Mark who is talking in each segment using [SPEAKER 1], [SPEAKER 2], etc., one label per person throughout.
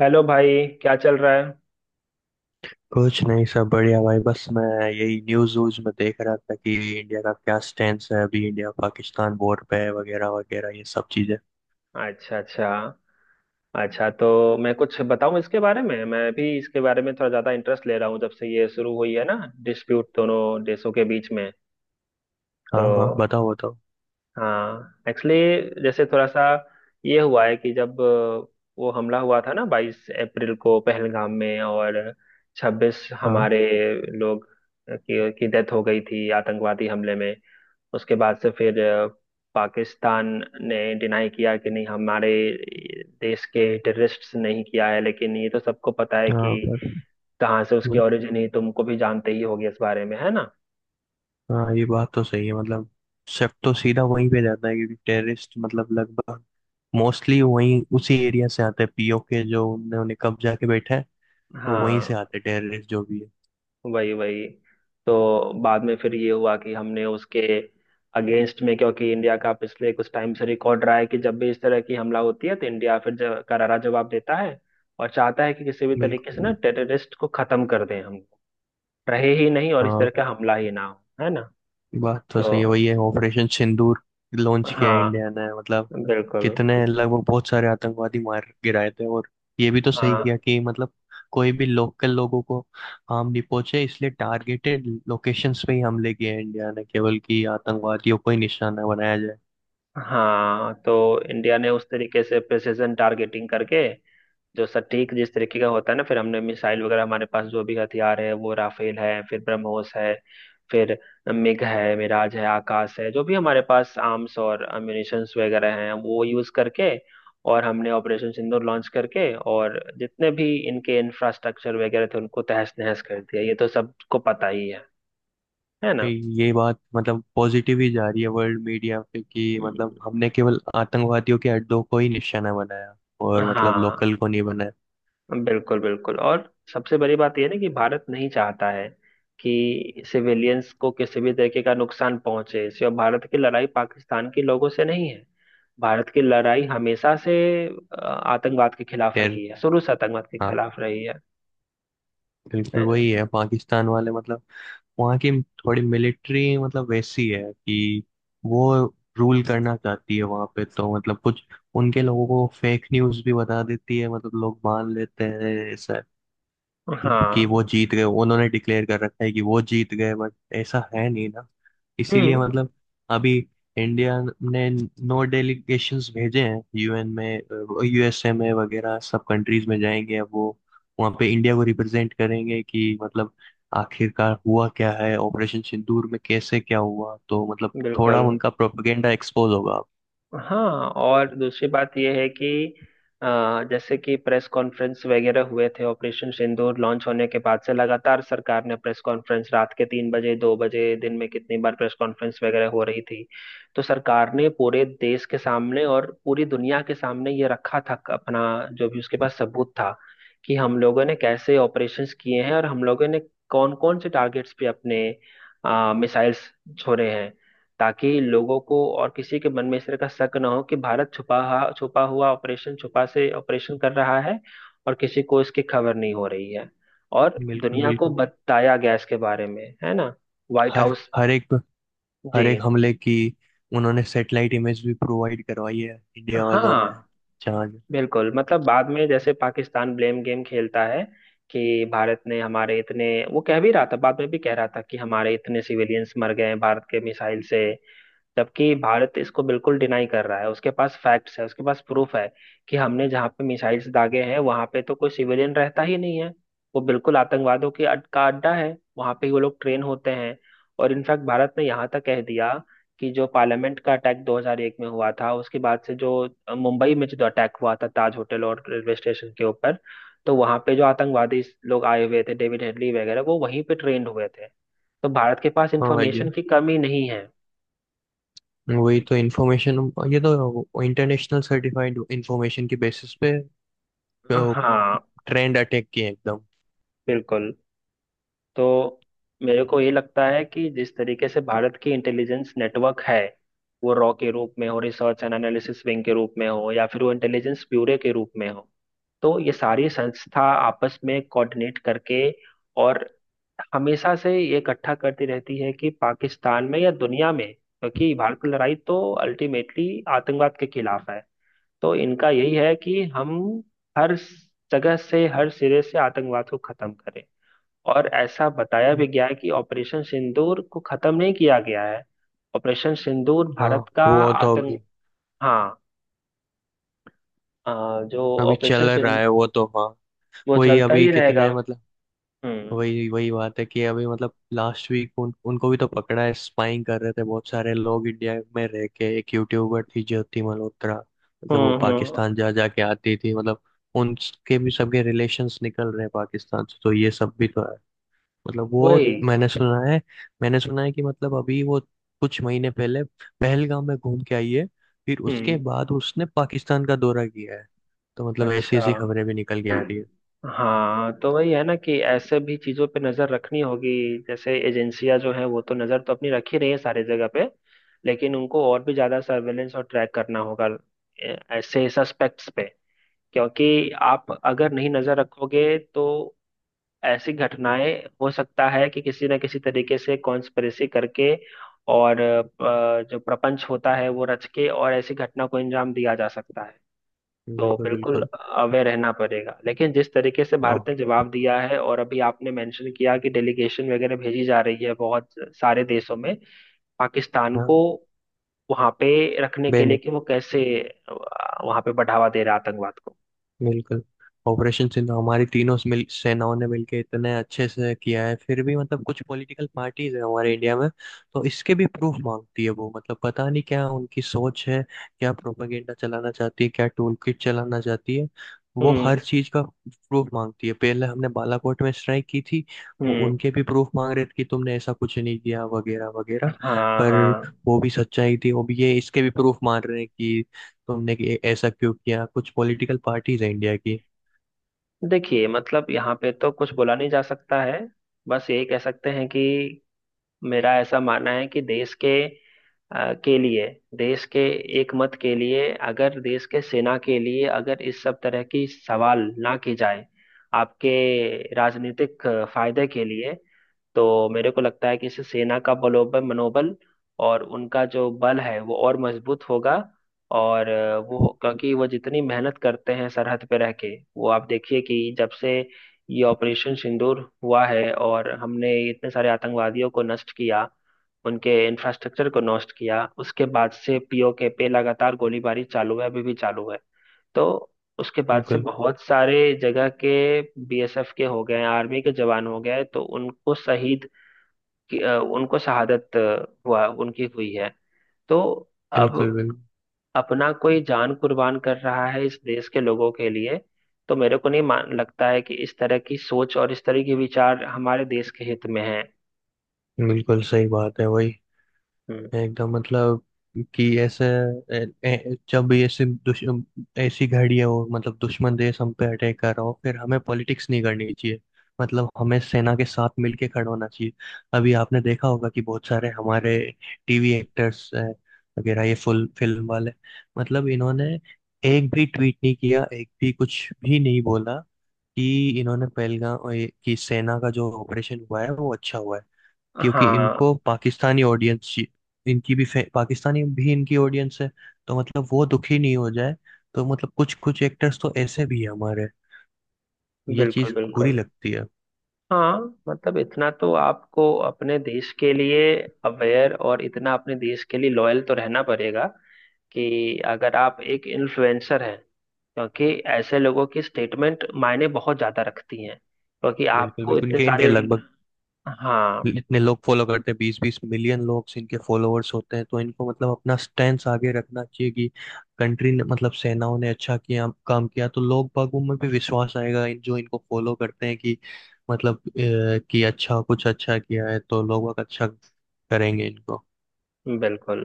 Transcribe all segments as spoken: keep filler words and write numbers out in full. [SPEAKER 1] Hello भाई, क्या चल रहा है।
[SPEAKER 2] कुछ नहीं, सब बढ़िया भाई। बस मैं यही न्यूज व्यूज में देख रहा था कि इंडिया का क्या स्टैंड है, अभी इंडिया पाकिस्तान बॉर्डर पे है वगैरह वगैरह ये सब चीजें।
[SPEAKER 1] अच्छा, अच्छा। अच्छा तो मैं कुछ बताऊं इसके बारे में। मैं भी इसके बारे में थोड़ा ज़्यादा इंटरेस्ट ले रहा हूँ जब से ये शुरू हुई है ना, डिस्प्यूट दोनों देशों के बीच में।
[SPEAKER 2] हाँ हाँ,
[SPEAKER 1] तो,
[SPEAKER 2] बताओ बताओ।
[SPEAKER 1] हाँ, एक्चुअली, जैसे थोड़ा सा ये हुआ है कि जब अ, वो हमला हुआ था ना बाईस अप्रैल को पहलगाम में, और छब्बीस
[SPEAKER 2] हाँ
[SPEAKER 1] हमारे लोग की, की डेथ हो गई थी आतंकवादी हमले में। उसके बाद से फिर अ, पाकिस्तान ने डिनाई किया कि नहीं, हमारे देश के टेररिस्ट्स नहीं किया है, लेकिन ये तो सबको पता है
[SPEAKER 2] हाँ,
[SPEAKER 1] कि
[SPEAKER 2] बत-
[SPEAKER 1] कहाँ से उसकी ओरिजिन है, तुमको भी जानते ही होगी इस बारे में, है ना।
[SPEAKER 2] हाँ ये बात तो सही है, मतलब सब तो सीधा वहीं पे जाता है क्योंकि टेररिस्ट मतलब लगभग मोस्टली वहीं उसी एरिया से आते हैं, पीओके जो उन्होंने उन्हें कब्जा के बैठे हैं। वो वहीं
[SPEAKER 1] हाँ,
[SPEAKER 2] से आते हैं टेररिस्ट जो भी है।
[SPEAKER 1] वही वही। तो बाद में फिर ये हुआ कि हमने उसके अगेंस्ट में, क्योंकि इंडिया का पिछले कुछ टाइम से रिकॉर्ड रहा है कि जब भी इस तरह की हमला होती है तो इंडिया फिर ज- करारा जवाब देता है, और चाहता है कि किसी भी तरीके से ना
[SPEAKER 2] बिल्कुल।
[SPEAKER 1] टेररिस्ट को खत्म कर दें, हम रहे ही नहीं और इस
[SPEAKER 2] हाँ,
[SPEAKER 1] तरह का हमला ही ना हो, है ना।
[SPEAKER 2] बात तो सही है,
[SPEAKER 1] तो
[SPEAKER 2] वही है, ऑपरेशन सिंदूर लॉन्च किया है
[SPEAKER 1] हाँ,
[SPEAKER 2] इंडिया ने। मतलब
[SPEAKER 1] बिल्कुल।
[SPEAKER 2] कितने लगभग बहुत सारे आतंकवादी मार गिराए थे, और ये भी तो सही
[SPEAKER 1] हाँ
[SPEAKER 2] किया कि मतलब कोई भी लोकल लोगों को हार्म नहीं पहुंचे, इसलिए टारगेटेड लोकेशंस पे ही हमले किए हैं इंडिया ने, केवल कि आतंकवादियों को ही निशाना बनाया जाए।
[SPEAKER 1] हाँ, तो इंडिया ने उस तरीके से प्रिसिजन टारगेटिंग करके, जो सटीक जिस तरीके का होता है ना, फिर हमने मिसाइल वगैरह, हमारे पास जो भी हथियार है, वो राफेल है, फिर ब्रह्मोस है, फिर मिग है, मिराज है, आकाश है, जो भी हमारे पास आर्म्स और अम्यूनिशंस वगैरह हैं, वो यूज करके, और हमने ऑपरेशन सिंदूर लॉन्च करके, और जितने भी इनके इंफ्रास्ट्रक्चर वगैरह थे उनको तहस नहस कर दिया। ये तो सबको पता ही है है
[SPEAKER 2] पे,
[SPEAKER 1] ना।
[SPEAKER 2] ये बात मतलब पॉजिटिव ही जा रही है वर्ल्ड मीडिया पे कि मतलब
[SPEAKER 1] हम्म,
[SPEAKER 2] हमने केवल आतंकवादियों के अड्डों को ही निशाना बनाया और मतलब लोकल
[SPEAKER 1] हाँ,
[SPEAKER 2] को नहीं बनाया।
[SPEAKER 1] बिल्कुल बिल्कुल। और सबसे बड़ी बात यह है ना कि भारत नहीं चाहता है कि सिविलियंस को किसी भी तरीके का नुकसान पहुंचे। सिर्फ भारत की लड़ाई पाकिस्तान के लोगों से नहीं है, भारत की लड़ाई हमेशा से अ, आतंकवाद के खिलाफ
[SPEAKER 2] टेर,
[SPEAKER 1] रही है, शुरू से आतंकवाद के
[SPEAKER 2] हाँ
[SPEAKER 1] खिलाफ रही है
[SPEAKER 2] बिल्कुल
[SPEAKER 1] है ना।
[SPEAKER 2] वही है। पाकिस्तान वाले मतलब वहाँ की थोड़ी मिलिट्री मतलब वैसी है कि वो रूल करना चाहती है वहाँ पे, तो मतलब कुछ उनके लोगों को फेक न्यूज़ भी बता देती है, मतलब लोग मान लेते हैं ऐसा कि
[SPEAKER 1] हाँ।
[SPEAKER 2] वो जीत गए। उन्होंने डिक्लेयर कर रखा है कि वो जीत गए, बट ऐसा है नहीं ना। इसीलिए
[SPEAKER 1] हम्म।
[SPEAKER 2] मतलब अभी इंडिया ने नो डेलीगेशंस भेजे हैं, यूएन में, यूएसए में वगैरह सब कंट्रीज में जाएंगे। अब वो वहाँ पे इंडिया को रिप्रेजेंट करेंगे कि मतलब आखिरकार हुआ क्या है ऑपरेशन सिंदूर में, कैसे क्या हुआ। तो मतलब थोड़ा
[SPEAKER 1] बिल्कुल।
[SPEAKER 2] उनका प्रोपेगेंडा एक्सपोज होगा।
[SPEAKER 1] हाँ, और दूसरी बात यह है कि अ, जैसे कि प्रेस कॉन्फ्रेंस वगैरह हुए थे ऑपरेशन सिंदूर लॉन्च होने के बाद से, लगातार सरकार ने प्रेस कॉन्फ्रेंस, रात के तीन बजे, दो बजे, दिन में कितनी बार प्रेस कॉन्फ्रेंस वगैरह हो रही थी। तो सरकार ने पूरे देश के सामने और पूरी दुनिया के सामने ये रखा था अपना, जो भी उसके पास सबूत था, कि हम लोगों ने कैसे ऑपरेशंस किए हैं और हम लोगों ने कौन कौन से टारगेट्स पे अपने मिसाइल्स छोड़े हैं, ताकि लोगों को और किसी के मन में इस तरह का शक ना हो कि भारत छुपा हा- छुपा हुआ ऑपरेशन छुपा से ऑपरेशन कर रहा है और किसी को इसकी खबर नहीं हो रही है, और
[SPEAKER 2] बिल्कुल
[SPEAKER 1] दुनिया को
[SPEAKER 2] बिल्कुल।
[SPEAKER 1] बताया गया इसके बारे में, है ना। व्हाइट
[SPEAKER 2] हर
[SPEAKER 1] हाउस।
[SPEAKER 2] हर एक
[SPEAKER 1] जी।
[SPEAKER 2] हर एक हमले की उन्होंने सैटेलाइट इमेज भी प्रोवाइड करवाई है इंडिया वालों ने।
[SPEAKER 1] हाँ,
[SPEAKER 2] चांद,
[SPEAKER 1] बिल्कुल, मतलब बाद में जैसे पाकिस्तान ब्लेम गेम खेलता है कि भारत ने हमारे इतने, वो कह भी रहा था, बाद में भी कह रहा था कि हमारे इतने सिविलियंस मर गए हैं भारत के मिसाइल से, जबकि भारत इसको बिल्कुल डिनाई कर रहा है, उसके पास फैक्ट्स है, उसके पास प्रूफ है कि हमने जहाँ पे मिसाइल्स दागे हैं वहां पे तो कोई सिविलियन रहता ही नहीं है, वो बिल्कुल आतंकवादियों की अड, का अड्डा है, वहां पे ही वो लोग ट्रेन होते हैं। और इनफैक्ट भारत ने यहाँ तक कह दिया कि जो पार्लियामेंट का अटैक दो हज़ार एक में हुआ था, उसके बाद से जो अ, मुंबई में जो अटैक हुआ था ताज होटल और रेलवे स्टेशन के ऊपर, तो वहां पे जो आतंकवादी लोग आए हुए थे, डेविड हेडली वगैरह, वो वहीं पे ट्रेंड हुए थे। तो भारत के पास
[SPEAKER 2] हाँ ये,
[SPEAKER 1] इंफॉर्मेशन की कमी नहीं है।
[SPEAKER 2] वही तो इंफॉर्मेशन, ये तो इंटरनेशनल सर्टिफाइड इंफॉर्मेशन के बेसिस पे
[SPEAKER 1] हाँ,
[SPEAKER 2] ट्रेंड अटैक किए एकदम।
[SPEAKER 1] बिल्कुल। तो मेरे को ये लगता है कि जिस तरीके से भारत की इंटेलिजेंस नेटवर्क है, वो रॉ के रूप में हो, रिसर्च एंड एनालिसिस विंग के रूप में हो, या फिर वो इंटेलिजेंस ब्यूरो के रूप में हो, तो ये सारी संस्था आपस में कोऑर्डिनेट करके, और हमेशा से ये इकट्ठा करती रहती है कि पाकिस्तान में या दुनिया में, क्योंकि भारत की लड़ाई तो अल्टीमेटली आतंकवाद के खिलाफ है, तो इनका यही है कि हम हर जगह से, हर सिरे से आतंकवाद को खत्म करें। और ऐसा बताया भी गया है कि ऑपरेशन सिंदूर को खत्म नहीं किया गया है, ऑपरेशन सिंदूर
[SPEAKER 2] हाँ,
[SPEAKER 1] भारत का
[SPEAKER 2] वो तो
[SPEAKER 1] आतंक,
[SPEAKER 2] अभी
[SPEAKER 1] हाँ, अ, जो
[SPEAKER 2] अभी
[SPEAKER 1] ऑपरेशन
[SPEAKER 2] चल रहा
[SPEAKER 1] सिंद
[SPEAKER 2] है वो तो। हाँ
[SPEAKER 1] वो
[SPEAKER 2] वही,
[SPEAKER 1] चलता
[SPEAKER 2] अभी
[SPEAKER 1] ही रहेगा।
[SPEAKER 2] कितने मतलब,
[SPEAKER 1] हम्म।
[SPEAKER 2] वही वही बात है कि अभी मतलब लास्ट वीक उन, उनको भी तो पकड़ा है, स्पाइंग कर रहे थे बहुत सारे लोग इंडिया में रह के। एक यूट्यूबर थी ज्योति मल्होत्रा, मतलब वो
[SPEAKER 1] हम्म। हम्म,
[SPEAKER 2] पाकिस्तान जा जा के आती थी। मतलब उनके भी सबके रिलेशंस निकल रहे हैं पाकिस्तान से, तो ये सब भी तो है। मतलब वो,
[SPEAKER 1] वही।
[SPEAKER 2] मैंने सुना है, मैंने सुना है कि मतलब अभी वो कुछ महीने पहले पहलगाम में घूम के आई है, फिर उसके
[SPEAKER 1] हम्म।
[SPEAKER 2] बाद उसने पाकिस्तान का दौरा किया है। तो मतलब ऐसी
[SPEAKER 1] अच्छा,
[SPEAKER 2] ऐसी खबरें भी निकल के आ रही है।
[SPEAKER 1] हाँ, तो वही है ना कि ऐसे भी चीजों पे नजर रखनी होगी। जैसे एजेंसियां जो है वो तो नजर तो अपनी रख ही रही है सारी जगह पे, लेकिन उनको और भी ज्यादा सर्वेलेंस और ट्रैक करना होगा ए- ऐसे सस्पेक्ट्स पे, क्योंकि आप अगर नहीं नजर रखोगे तो ऐसी घटनाएं हो सकता है कि किसी न किसी तरीके से कॉन्स्पिरेसी करके और अ, जो प्रपंच होता है वो रच के और ऐसी घटना को अंजाम दिया जा सकता है। तो
[SPEAKER 2] बिल्कुल
[SPEAKER 1] बिल्कुल
[SPEAKER 2] बिल्कुल।
[SPEAKER 1] अवेयर रहना पड़ेगा। लेकिन जिस तरीके से
[SPEAKER 2] हाँ,
[SPEAKER 1] भारत ने जवाब दिया है, और अभी आपने मेंशन किया कि डेलीगेशन वगैरह भेजी जा रही है बहुत सारे देशों में पाकिस्तान
[SPEAKER 2] हाँ,
[SPEAKER 1] को वहां पे रखने के लिए
[SPEAKER 2] बेन,
[SPEAKER 1] कि वो कैसे अ, वहां पे बढ़ावा दे रहा है आतंकवाद को।
[SPEAKER 2] बिल्कुल। ऑपरेशन सिंधु हमारी तीनों मिल सेनाओं ने मिलकर इतने अच्छे से किया है, फिर भी मतलब कुछ पॉलिटिकल पार्टीज है हमारे इंडिया में। तो इसके भी प्रूफ मांगती है वो, मतलब पता नहीं क्या उनकी सोच है, क्या प्रोपेगेंडा चलाना चाहती है, क्या टूल किट चलाना चाहती है। वो
[SPEAKER 1] हम्म।
[SPEAKER 2] हर चीज का प्रूफ मांगती है। पहले हमने बालाकोट में स्ट्राइक की थी, वो
[SPEAKER 1] हम्म।
[SPEAKER 2] उनके भी प्रूफ मांग रहे थे कि तुमने ऐसा कुछ नहीं किया वगैरह वगैरह।
[SPEAKER 1] हाँ
[SPEAKER 2] पर
[SPEAKER 1] हाँ,
[SPEAKER 2] वो भी सच्चाई थी, वो भी ये इसके भी प्रूफ मांग रहे हैं कि तुमने कि- ऐसा क्यों किया। कुछ पॉलिटिकल पार्टीज है इंडिया की।
[SPEAKER 1] देखिए मतलब यहाँ पे तो कुछ बोला नहीं जा सकता है, बस यही कह सकते हैं कि मेरा ऐसा मानना है कि देश के अ, के लिए, देश के एकमत के लिए, अगर देश के सेना के लिए अगर इस सब तरह की सवाल ना की जाए आपके राजनीतिक अ, फायदे के लिए, तो मेरे को लगता है कि इससे सेना का बलोबल मनोबल और उनका जो बल है वो और मजबूत होगा। और अ, वो, क्योंकि वो जितनी मेहनत करते हैं सरहद पे रह के, वो आप देखिए कि जब से ये ऑपरेशन सिंदूर हुआ है और हमने इतने सारे आतंकवादियों को नष्ट किया, उनके इंफ्रास्ट्रक्चर को नष्ट किया, उसके बाद से पीओके पे लगातार गोलीबारी चालू है, अभी भी चालू है। तो उसके बाद से
[SPEAKER 2] बिल्कुल
[SPEAKER 1] बहुत सारे जगह के बीएसएफ के हो गए, आर्मी के जवान हो गए, तो उनको शहीद, कि अ, उनको शहादत अ, हुआ, उनकी हुई है। तो
[SPEAKER 2] बिल्कुल।
[SPEAKER 1] अब
[SPEAKER 2] बिल्कुल
[SPEAKER 1] अपना कोई जान कुर्बान कर रहा है इस देश के लोगों के लिए, तो मेरे को नहीं मान लगता है कि इस तरह की सोच और इस तरह के विचार हमारे देश के हित में है।
[SPEAKER 2] बिल्कुल सही बात है। वही
[SPEAKER 1] हम्म,
[SPEAKER 2] एकदम मतलब कि ऐसे ए, ए, जब ऐसे दुश ऐसी घड़ी है, वो मतलब दुश्मन देश हम पे अटैक कर रहा हो, फिर हमें पॉलिटिक्स नहीं करनी चाहिए। मतलब हमें सेना के साथ मिलके खड़ा होना चाहिए। अभी आपने देखा होगा कि बहुत सारे हमारे टीवी एक्टर्स वगैरह, ये फुल फिल्म वाले, मतलब इन्होंने एक भी ट्वीट नहीं किया, एक भी कुछ भी नहीं बोला कि इन्होंने पहलगाम ये- कि सेना का जो ऑपरेशन हुआ है वो अच्छा हुआ है। क्योंकि
[SPEAKER 1] हाँ,
[SPEAKER 2] इनको पाकिस्तानी ऑडियंस, इनकी भी फे- पाकिस्तानी भी इनकी ऑडियंस है, तो मतलब वो दुखी नहीं हो जाए। तो मतलब कुछ कुछ एक्टर्स तो ऐसे भी है हमारे, ये चीज
[SPEAKER 1] बिल्कुल
[SPEAKER 2] बुरी
[SPEAKER 1] बिल्कुल।
[SPEAKER 2] लगती है।
[SPEAKER 1] हाँ मतलब इतना तो आपको अपने देश के लिए अवेयर, और इतना अपने देश के लिए लॉयल तो रहना पड़ेगा कि अगर आप एक इन्फ्लुएंसर हैं, क्योंकि ऐसे लोगों की स्टेटमेंट मायने बहुत ज्यादा रखती हैं क्योंकि
[SPEAKER 2] बिल्कुल
[SPEAKER 1] आपको
[SPEAKER 2] बिल्कुल।
[SPEAKER 1] इतने
[SPEAKER 2] इनके इनके
[SPEAKER 1] सारे,
[SPEAKER 2] लगभग
[SPEAKER 1] हाँ,
[SPEAKER 2] इतने लोग फॉलो करते हैं, बीस बीस मिलियन लोग इनके फॉलोअर्स होते हैं, तो इनको मतलब अपना स्टैंड आगे रखना चाहिए कि कंट्री ने मतलब सेनाओं ने अच्छा किया, काम किया, तो लोग बागों में भी विश्वास आएगा, इन जो इनको फॉलो करते हैं कि मतलब अ, कि अच्छा, कुछ अच्छा किया है, तो लोग बाग अच्छा करेंगे इनको।
[SPEAKER 1] बिल्कुल।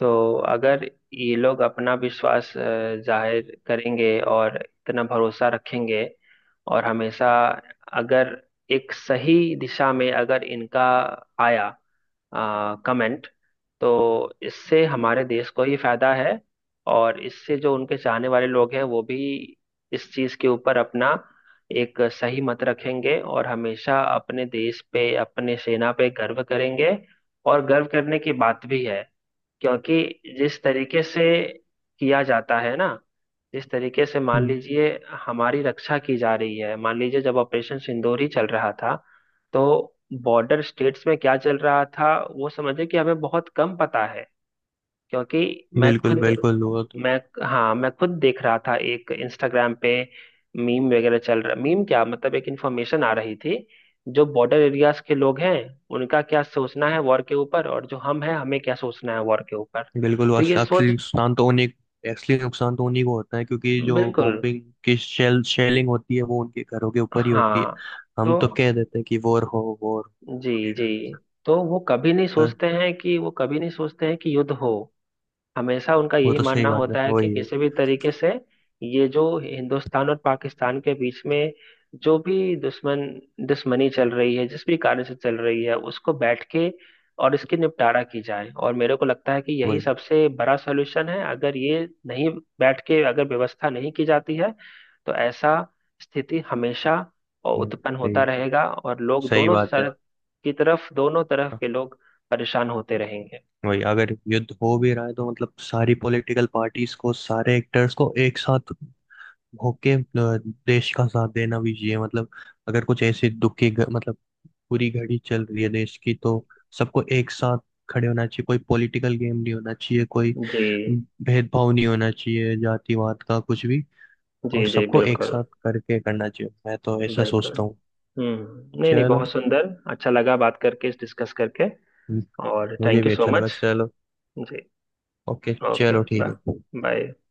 [SPEAKER 1] तो अगर ये लोग अपना विश्वास अ, जाहिर करेंगे और इतना भरोसा रखेंगे, और हमेशा अगर एक सही दिशा में अगर इनका आया कमेंट, तो इससे हमारे देश को ही फायदा है। और इससे जो उनके चाहने वाले लोग हैं वो भी इस चीज के ऊपर अपना एक सही मत रखेंगे और हमेशा अपने देश पे, अपने सेना पे गर्व करेंगे। और गर्व करने की बात भी है, क्योंकि जिस तरीके से किया जाता है ना, जिस तरीके से मान
[SPEAKER 2] हम्म,
[SPEAKER 1] लीजिए हमारी रक्षा की जा रही है, मान लीजिए जब ऑपरेशन सिंदूर ही चल रहा था, तो बॉर्डर स्टेट्स में क्या चल रहा था वो समझे कि हमें बहुत कम पता है, क्योंकि मैं
[SPEAKER 2] बिल्कुल
[SPEAKER 1] खुद
[SPEAKER 2] बिल्कुल, वो तो
[SPEAKER 1] मैं हाँ, मैं खुद देख रहा था एक इंस्टाग्राम पे मीम वगैरह चल रहा, मीम क्या मतलब एक इंफॉर्मेशन आ रही थी, जो बॉर्डर एरियाज के लोग हैं उनका क्या सोचना है वॉर के ऊपर और जो हम हैं हमें क्या सोचना है वॉर के ऊपर।
[SPEAKER 2] बिल्कुल। वो
[SPEAKER 1] तो
[SPEAKER 2] असली
[SPEAKER 1] ये
[SPEAKER 2] असली
[SPEAKER 1] सोच,
[SPEAKER 2] नुकसान तो उन्हीं असली नुकसान तो उन्हीं को होता है, क्योंकि जो
[SPEAKER 1] बिल्कुल,
[SPEAKER 2] बॉम्बिंग की शेल शेलिंग होती है वो उनके घरों के ऊपर ही होती है।
[SPEAKER 1] हाँ।
[SPEAKER 2] हम तो
[SPEAKER 1] तो
[SPEAKER 2] कह देते हैं कि वॉर हो, वॉर
[SPEAKER 1] जी
[SPEAKER 2] वगैरह
[SPEAKER 1] जी,
[SPEAKER 2] ये सब।
[SPEAKER 1] तो वो कभी नहीं
[SPEAKER 2] पर
[SPEAKER 1] सोचते हैं कि वो कभी नहीं सोचते हैं कि युद्ध हो, हमेशा उनका
[SPEAKER 2] वो
[SPEAKER 1] यही
[SPEAKER 2] तो सही
[SPEAKER 1] मानना
[SPEAKER 2] बात है,
[SPEAKER 1] होता है कि
[SPEAKER 2] वही है।
[SPEAKER 1] किसी भी तरीके से ये जो हिंदुस्तान और पाकिस्तान के बीच में जो भी दुश्मन दुश्मनी चल रही है, जिस भी कारण से चल रही है, उसको बैठ के और इसके निपटारा की जाए। और मेरे को लगता है कि यही
[SPEAKER 2] वही
[SPEAKER 1] सबसे बड़ा सलूशन है। अगर ये नहीं बैठ के अगर व्यवस्था नहीं की जाती है, तो ऐसा स्थिति हमेशा
[SPEAKER 2] वही-
[SPEAKER 1] उत्पन्न
[SPEAKER 2] सही,
[SPEAKER 1] होता रहेगा और लोग
[SPEAKER 2] सही
[SPEAKER 1] दोनों
[SPEAKER 2] बात है।
[SPEAKER 1] सर की तरफ, दोनों तरफ
[SPEAKER 2] हाँ,
[SPEAKER 1] के लोग परेशान होते रहेंगे।
[SPEAKER 2] वही, अगर युद्ध हो भी रहा है तो मतलब सारी पॉलिटिकल पार्टीज को, सारे एक्टर्स को एक साथ होके अ, देश का साथ देना भी चाहिए। मतलब अगर कुछ ऐसी दुखी घ- मतलब पूरी घड़ी चल रही है देश की, तो सबको एक साथ खड़े होना चाहिए। कोई पॉलिटिकल गेम नहीं होना चाहिए, कोई
[SPEAKER 1] जी
[SPEAKER 2] भेदभाव नहीं होना चाहिए, जातिवाद का कुछ भी। और
[SPEAKER 1] जी। जी,
[SPEAKER 2] सबको एक
[SPEAKER 1] बिल्कुल
[SPEAKER 2] साथ करके करना चाहिए, मैं तो ऐसा
[SPEAKER 1] बिल्कुल।
[SPEAKER 2] सोचता हूँ।
[SPEAKER 1] हम्म, नहीं नहीं
[SPEAKER 2] चलो।
[SPEAKER 1] बहुत सुंदर, अच्छा लगा बात करके, डिस्कस करके।
[SPEAKER 2] हम्म,
[SPEAKER 1] और
[SPEAKER 2] मुझे
[SPEAKER 1] थैंक यू
[SPEAKER 2] भी
[SPEAKER 1] सो
[SPEAKER 2] अच्छा लगा।
[SPEAKER 1] मच।
[SPEAKER 2] चलो,
[SPEAKER 1] जी।
[SPEAKER 2] ओके,
[SPEAKER 1] ओके,
[SPEAKER 2] चलो ठीक
[SPEAKER 1] बाय।
[SPEAKER 2] है।
[SPEAKER 1] बाय।